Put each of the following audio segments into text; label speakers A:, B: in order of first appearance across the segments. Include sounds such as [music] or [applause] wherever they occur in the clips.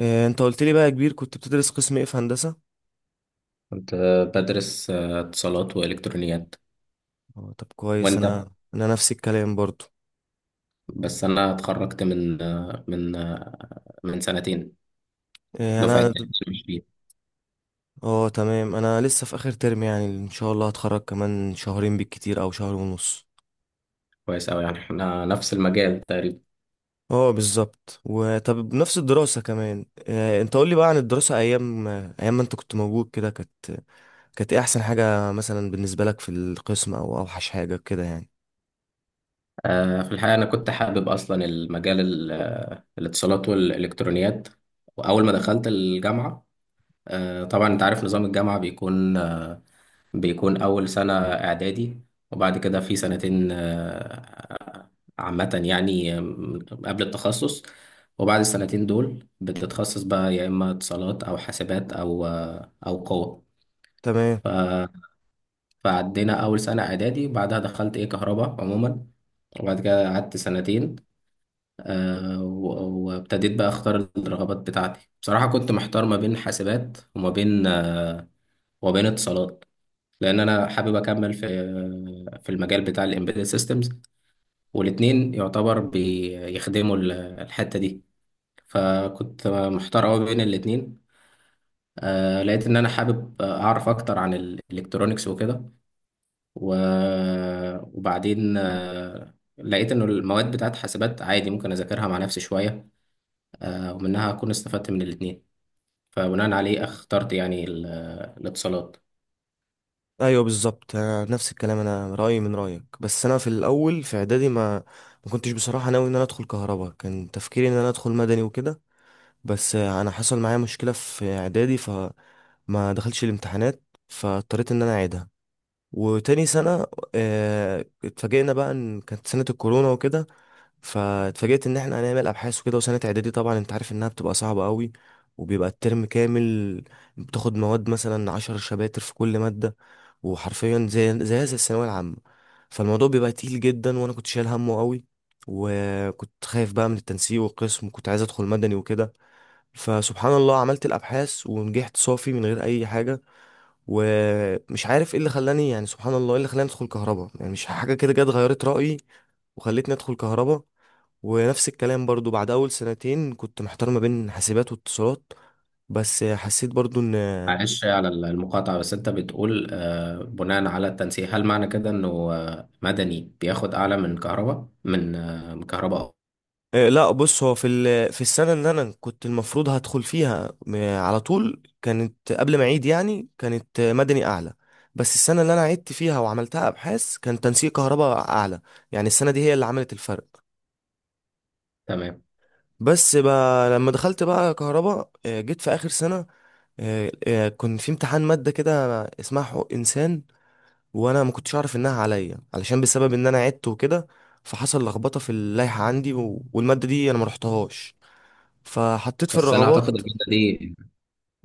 A: إيه، انت قلت لي بقى يا كبير كنت بتدرس قسم ايه في هندسة؟
B: كنت بدرس اتصالات وإلكترونيات.
A: اه، طب كويس.
B: وأنت؟
A: انا نفس الكلام برضو.
B: بس أنا اتخرجت من من سنتين
A: إيه،
B: دفعة
A: انا.
B: 2020.
A: اه تمام، انا لسه في اخر ترم، يعني ان شاء الله هتخرج كمان شهرين بالكتير او شهر ونص.
B: كويس أوي، يعني إحنا نفس المجال تقريبا.
A: اه بالظبط، وطب بنفس الدراسة كمان. إيه، انت قول لي بقى عن الدراسة، ايام ما انت كنت موجود كده، كانت ايه احسن حاجة مثلا بالنسبة لك في القسم، او اوحش حاجة كده يعني؟
B: في الحقيقة أنا كنت حابب أصلا المجال الاتصالات والإلكترونيات. وأول ما دخلت الجامعة، طبعا أنت عارف نظام الجامعة بيكون أول سنة إعدادي، وبعد كده في سنتين عامة، يعني قبل التخصص. وبعد السنتين دول بتتخصص بقى، يا إما اتصالات أو حاسبات أو قوة.
A: تمام.
B: ف- فعدينا أول سنة إعدادي، بعدها دخلت إيه كهرباء عموما، وبعد كده قعدت سنتين، وابتديت بقى أختار الرغبات بتاعتي. بصراحة كنت محتار ما بين حاسبات وما بين اتصالات، لان انا حابب اكمل في المجال بتاع الامبيدد سيستمز، والاتنين يعتبر بيخدموا الحته دي، فكنت محتار قوي بين الاتنين. لقيت ان انا حابب اعرف اكتر عن الالكترونكس وكده، و- وبعدين لقيت انه المواد بتاعت حاسبات عادي ممكن اذاكرها مع نفسي شويه، ومنها اكون استفدت من الاتنين. فبناء عليه اخترت يعني الاتصالات.
A: ايوه بالظبط، انا نفس الكلام، انا رايي من رايك. بس انا في الاول في اعدادي ما كنتش بصراحه ناوي ان انا ادخل كهرباء، كان تفكيري ان انا ادخل مدني وكده. بس انا حصل معايا مشكله في اعدادي فما دخلش الامتحانات، فاضطريت ان انا اعيدها. وتاني سنه اتفاجئنا بقى ان كانت سنه الكورونا وكده، فاتفاجئت ان احنا هنعمل ابحاث وكده. وسنه اعدادي طبعا انت عارف انها بتبقى صعبه قوي، وبيبقى الترم كامل بتاخد مواد مثلا عشر شباتر في كل ماده، وحرفيا زي الثانويه العامه. فالموضوع بيبقى تقيل جدا، وانا كنت شايل همه قوي، وكنت خايف بقى من التنسيق والقسم، وكنت عايز ادخل مدني وكده. فسبحان الله عملت الابحاث ونجحت صافي من غير اي حاجه. ومش عارف ايه اللي خلاني، يعني سبحان الله ايه اللي خلاني ادخل كهرباء، يعني مش حاجه كده جت غيرت رايي وخلتني ادخل كهرباء. ونفس الكلام برضو بعد اول سنتين كنت محتار ما بين حاسبات واتصالات، بس حسيت برضو ان...
B: معلش على المقاطعة، بس أنت بتقول بناء على التنسيق، هل معنى كده إنه مدني بياخد أعلى من كهرباء، من كهرباء؟
A: إيه، لا بص، هو في ال... في السنه اللي انا كنت المفروض هدخل فيها على طول، كانت قبل ما اعيد يعني، كانت مدني اعلى. بس السنه اللي انا عدت فيها وعملتها ابحاث كان تنسيق كهرباء اعلى، يعني السنه دي هي اللي عملت الفرق.
B: تمام.
A: بس بقى لما دخلت بقى كهرباء، جيت في اخر سنه، كان في امتحان ماده كده اسمها حقوق انسان، وانا ما كنتش اعرف انها عليا علشان بسبب ان انا عدت وكده. فحصل لخبطه في اللائحه عندي، والماده دي انا ما رحتهاش، فحطيت في
B: بس أنا أعتقد
A: الرغبات.
B: المادة دي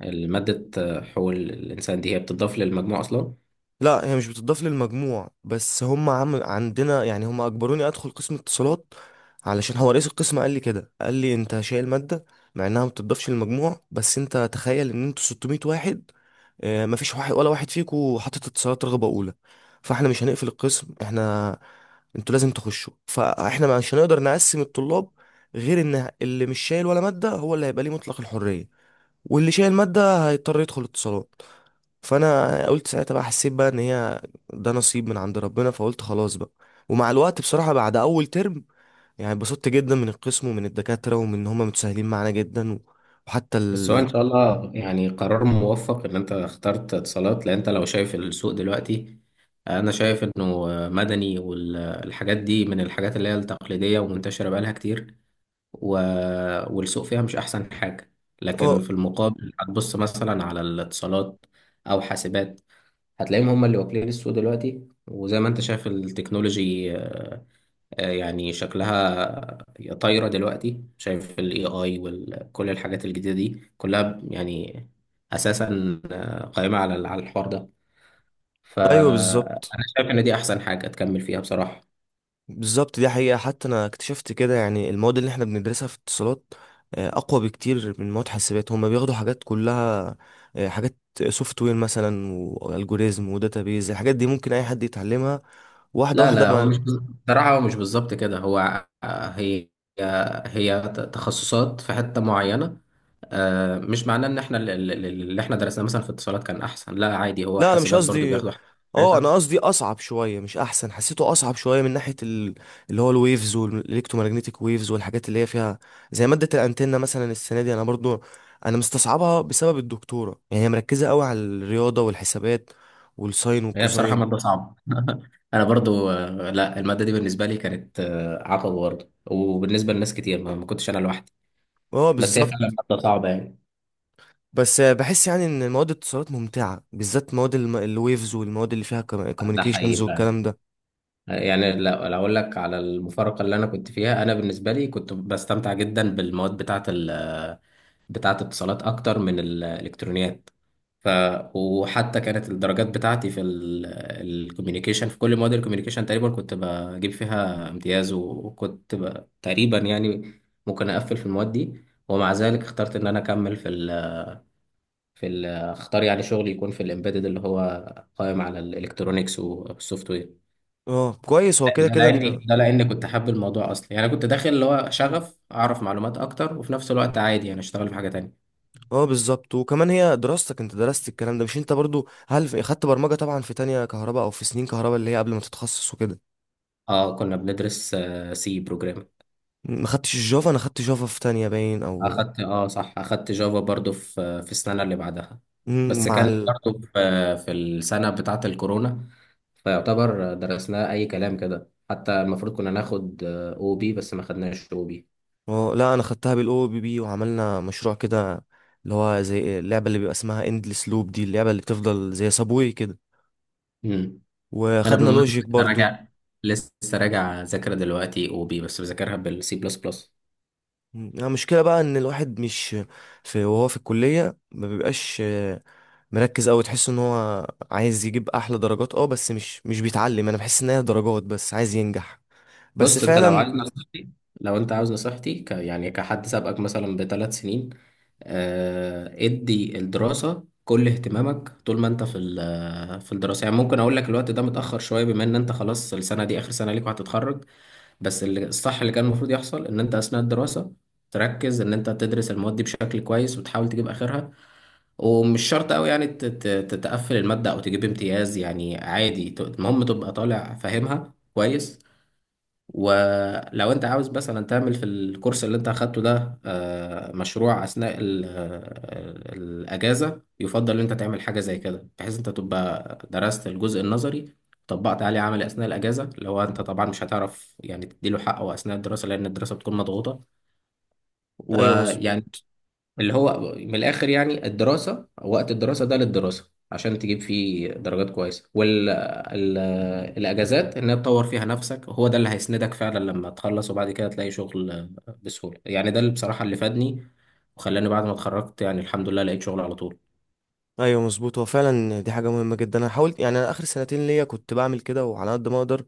B: المادة آه، حقوق الإنسان دي هي بتضاف للمجموع أصلا.
A: لا هي مش بتضاف للمجموع، بس هم عندنا يعني، هم اجبروني ادخل قسم اتصالات. علشان هو رئيس القسم قال لي كده، قال لي انت شايل ماده، مع انها ما بتضافش للمجموع، بس انت تخيل ان انتوا 600 واحد، مفيش واحد ولا واحد فيكو حاطط اتصالات رغبة أولى. فاحنا مش هنقفل القسم، احنا... انتوا لازم تخشوا، فاحنا مش هنقدر نقسم الطلاب غير ان اللي مش شايل ولا مادة هو اللي هيبقى ليه مطلق الحرية، واللي شايل مادة هيضطر يدخل اتصالات. فانا قلت ساعتها بقى، حسيت بقى ان هي ده نصيب من عند ربنا، فقلت خلاص بقى. ومع الوقت بصراحة بعد اول ترم، يعني اتبسطت جدا من القسم ومن الدكاترة، ومن ان هم متساهلين معانا جدا. وحتى
B: بس هو
A: ال...
B: إن شاء الله، يعني قرار موفق إن أنت اخترت اتصالات، لأن أنت لو شايف السوق دلوقتي، أنا شايف إنه مدني والحاجات دي من الحاجات اللي هي التقليدية ومنتشرة بقالها كتير، و... والسوق فيها مش أحسن حاجة. لكن
A: اه،
B: في المقابل هتبص مثلا على الاتصالات أو حاسبات، هتلاقيهم هم اللي واكلين السوق دلوقتي. وزي ما انت شايف التكنولوجي يعني شكلها طايرة دلوقتي، شايف ال AI وكل الحاجات الجديدة دي كلها، يعني أساسا قائمة على الحوار ده.
A: ايوه بالظبط.
B: فأنا شايف إن دي أحسن حاجة تكمل فيها بصراحة.
A: بالظبط، دي حقيقة. حتى أنا اكتشفت كده، يعني المواد اللي احنا بندرسها في اتصالات أقوى بكتير من مواد حاسبات. هما بياخدوا حاجات كلها، حاجات سوفت وير مثلا والجوريزم وداتابيز. الحاجات دي ممكن أي حد يتعلمها واحدة
B: لا،
A: واحدة
B: لا، هو
A: مع...
B: مش بصراحة، هو مش بالظبط كده، هو آه، هي هي تخصصات في حتة معينة. مش معناه ان احنا اللي احنا درسناه مثلا في اتصالات كان احسن، لا عادي، هو
A: لا انا مش
B: حاسبات برضو
A: قصدي.
B: بياخدوا حاجات
A: اه
B: كويسة.
A: انا قصدي اصعب شويه مش احسن، حسيته اصعب شويه من ناحيه ال... اللي هو الويفز والالكترومagnetic ويفز والحاجات اللي هي فيها. زي ماده الانتنه مثلا السنه دي، انا برضو انا مستصعبها بسبب الدكتوره، يعني هي مركزه قوي على الرياضه والحسابات والساين
B: هي بصراحة
A: والكوزاين.
B: مادة صعبة [laughs] انا برضو، لا، المادة دي بالنسبة لي كانت عقبة برضو، وبالنسبة لناس كتير، ما كنتش انا لوحدي.
A: اه
B: بس هي
A: بالظبط.
B: فعلا مادة صعبة يعني.
A: بس بحس يعني ان مواد الاتصالات ممتعه، بالذات مواد الويفز والمواد اللي فيها
B: ده
A: كوميونيكيشنز
B: حقيقي فعلا.
A: والكلام ده.
B: يعني لو اقول لك على المفارقه اللي انا كنت فيها، انا بالنسبه لي كنت بستمتع جدا بالمواد بتاعه الاتصالات اكتر من الالكترونيات. ف وحتى كانت الدرجات بتاعتي في الكوميونيكيشن، في كل مواد الكوميونيكيشن تقريبا كنت بجيب فيها امتياز، وكنت تقريبا يعني ممكن اقفل في المواد دي. ومع ذلك اخترت ان انا اكمل اختار يعني شغل يكون في الامبيدد، اللي هو قائم على الالكترونيكس والسوفت وير.
A: اه كويس، هو كده
B: ده
A: كده انت.
B: لاني ده لاني كنت حابب الموضوع اصلا، يعني انا كنت داخل اللي هو
A: مم.
B: شغف اعرف معلومات اكتر، وفي نفس الوقت عادي انا اشتغل في حاجه تانية.
A: اه بالظبط. وكمان هي دراستك انت درست الكلام ده، مش انت برضو هل خدت برمجة طبعا في تانية كهرباء او في سنين كهرباء اللي هي قبل ما تتخصص وكده؟
B: اه، كنا بندرس سي بروجرامينج.
A: ما خدتش الجافا؟ انا خدت جافا في تانية باين او...
B: اه، صح، اخدت جافا برضو في السنه اللي بعدها.
A: مم،
B: بس
A: مع
B: كان
A: ال...
B: برضو في السنه بتاعه الكورونا، فيعتبر درسناه اي كلام كده، حتى المفروض كنا ناخد او بي بس ما خدناش او بي.
A: اه لا، انا خدتها بالاو بي بي وعملنا مشروع كده اللي هو زي اللعبة اللي بيبقى اسمها اندلس لوب، دي اللعبة اللي بتفضل زي سابوي كده.
B: امم انا
A: وخدنا
B: بالمناسبه
A: لوجيك
B: لسه
A: برضو.
B: راجع لسه راجع اذاكر دلوقتي او بي، بس بذاكرها بالسي بلس بلس.
A: يعني المشكلة بقى ان الواحد مش في وهو في الكلية ما بيبقاش مركز أوي، تحس إن هو عايز يجيب أحلى درجات أه، بس مش بيتعلم. أنا بحس إن هي درجات بس، عايز ينجح بس.
B: بص،
A: بالظبط
B: انت لو
A: فعلا لو
B: عايز
A: عايز.
B: نصيحتي لو انت عاوز نصيحتي يعني كحد سابقك مثلا ب3 سنين، ادي الدراسة كل اهتمامك. طول ما انت في الدراسة، يعني ممكن اقول لك الوقت ده متأخر شوية، بما ان انت خلاص السنة دي اخر سنة ليك وهتتخرج. بس الصح اللي كان المفروض يحصل ان انت اثناء الدراسة تركز ان انت تدرس المواد دي بشكل كويس وتحاول تجيب اخرها. ومش شرط قوي يعني تتقفل المادة او تجيب امتياز، يعني عادي، المهم تبقى طالع فاهمها كويس. ولو انت عاوز مثلا تعمل في الكورس اللي انت اخدته ده مشروع اثناء الاجازه، يفضل ان انت تعمل حاجه زي كده، بحيث انت تبقى درست الجزء النظري، طبقت عليه عملي اثناء الاجازه. لو انت طبعا مش هتعرف يعني تديله حقه اثناء الدراسه، لان الدراسه بتكون مضغوطه
A: أيوه تبقى
B: ويعني،
A: مظبوط.
B: اللي هو من الاخر، يعني الدراسه وقت الدراسه ده للدراسه عشان تجيب فيه درجات كويسه، والاجازات انها تطور فيها نفسك، هو ده اللي هيسندك فعلا لما تخلص وبعد كده تلاقي شغل بسهوله. يعني ده اللي بصراحه اللي فادني، وخلاني بعد ما اتخرجت، يعني الحمد لله لقيت شغل على طول.
A: ايوه مظبوط، هو فعلا دي حاجه مهمه جدا. انا حاولت يعني، انا اخر سنتين ليا كنت بعمل كده وعلى قد ما اقدر،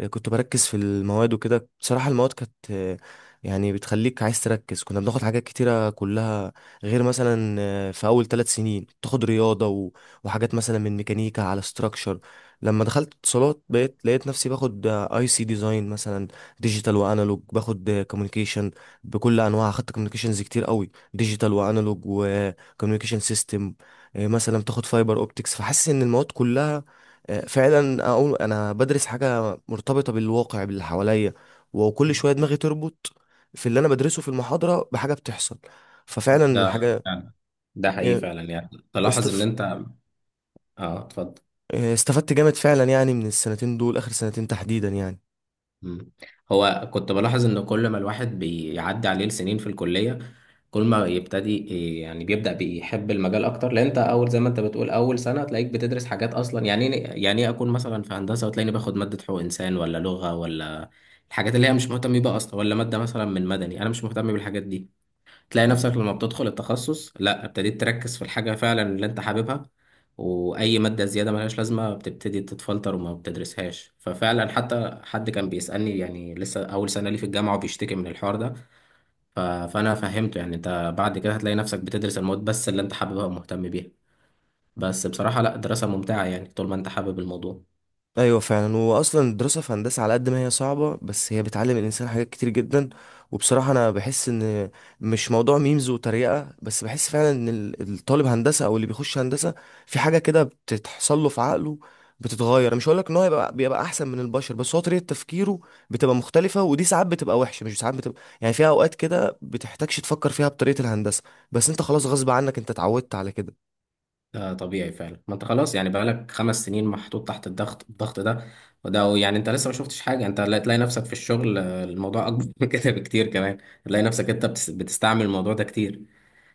A: كنت بركز في المواد وكده. بصراحه المواد كانت، يعني بتخليك عايز تركز. كنا بناخد حاجات كتيره كلها، غير مثلا في اول ثلاث سنين تاخد رياضه وحاجات مثلا من ميكانيكا على ستراكشر. لما دخلت اتصالات بقيت لقيت نفسي باخد اي سي ديزاين مثلا ديجيتال وانالوج، باخد كوميونيكيشن بكل انواعها. خدت كوميونيكيشنز كتير قوي، ديجيتال وانالوج وكوميونيكيشن سيستم، مثلا تاخد فايبر اوبتكس. فحاسس ان المواد كلها فعلا اقول انا بدرس حاجه مرتبطه بالواقع باللي حواليا. وكل شويه دماغي تربط في اللي انا بدرسه في المحاضره بحاجه بتحصل. ففعلا
B: ده
A: الحاجه،
B: فعلا ده حقيقي
A: آه،
B: فعلا، يعني
A: بصراحة
B: تلاحظ ان انت... اه، اتفضل.
A: استفدت جامد فعلا يعني من السنتين دول، اخر سنتين تحديدا يعني.
B: مم. هو كنت بلاحظ ان كل ما الواحد بيعدي عليه السنين في الكلية، كل ما يبتدي، إيه، يعني بيبدأ بيحب المجال اكتر. لان انت اول، زي ما انت بتقول، اول سنة تلاقيك بتدرس حاجات اصلا، يعني يعني ايه اكون مثلا في هندسة وتلاقيني باخد مادة حقوق انسان ولا لغة، ولا الحاجات اللي هي مش مهتم بيها اصلا، ولا مادة مثلا من مدني، انا مش مهتم بالحاجات دي. تلاقي نفسك لما بتدخل التخصص، لا، ابتديت تركز في الحاجة فعلا اللي انت حاببها، وأي مادة زيادة ملهاش لازمة بتبتدي تتفلتر وما بتدرسهاش. ففعلا حتى حد كان بيسألني، يعني لسه أول سنة لي في الجامعة، وبيشتكي من الحوار ده، فأنا فهمته يعني انت بعد كده هتلاقي نفسك بتدرس المواد بس اللي انت حاببها ومهتم بيها. بس بصراحة لا، دراسة ممتعة يعني، طول ما انت حابب الموضوع.
A: ايوه فعلا، واصلا الدراسه في هندسه على قد ما هي صعبه بس هي بتعلم الانسان حاجات كتير جدا. وبصراحه انا بحس ان مش موضوع ميمز وتريقه بس، بحس فعلا ان الطالب هندسه او اللي بيخش هندسه في حاجه كده بتتحصل له في عقله بتتغير. مش هقول لك ان هو يبقى بيبقى احسن من البشر، بس هو طريقه تفكيره بتبقى مختلفه. ودي ساعات بتبقى وحشه، مش ساعات بتبقى يعني، فيها اوقات كده بتحتاجش تفكر فيها بطريقه الهندسه، بس انت خلاص غصب عنك انت اتعودت على كده.
B: ده طبيعي فعلا. ما انت خلاص، يعني بقالك 5 سنين محطوط تحت الضغط ده. وده يعني انت لسه ما شفتش حاجه، انت تلاقي نفسك في الشغل، الموضوع اكبر [laughs] من كده بكتير كمان. تلاقي نفسك انت بتستعمل الموضوع ده كتير.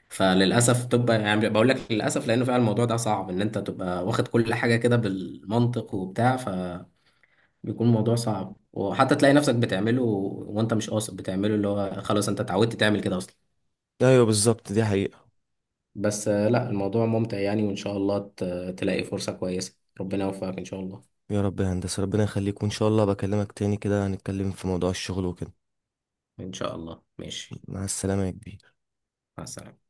B: فللاسف تبقى، يعني بقول لك للاسف لانه فعلا الموضوع ده صعب، ان انت تبقى واخد كل حاجه كده بالمنطق وبتاع، فبيكون الموضوع صعب. وحتى تلاقي نفسك بتعمله وانت مش قاصد، بتعمله اللي هو خلاص انت اتعودت تعمل كده اصلا.
A: ايوه بالظبط دي حقيقه.
B: بس لا، الموضوع ممتع يعني، وإن شاء الله تلاقي فرصة كويسة، ربنا يوفقك إن شاء الله.
A: يا رب يا هندسة، ربنا يخليك، وإن شاء الله بكلمك تاني كده هنتكلم في موضوع الشغل وكده.
B: إن شاء الله، ماشي.
A: مع السلامة يا كبير.
B: مع السلامة.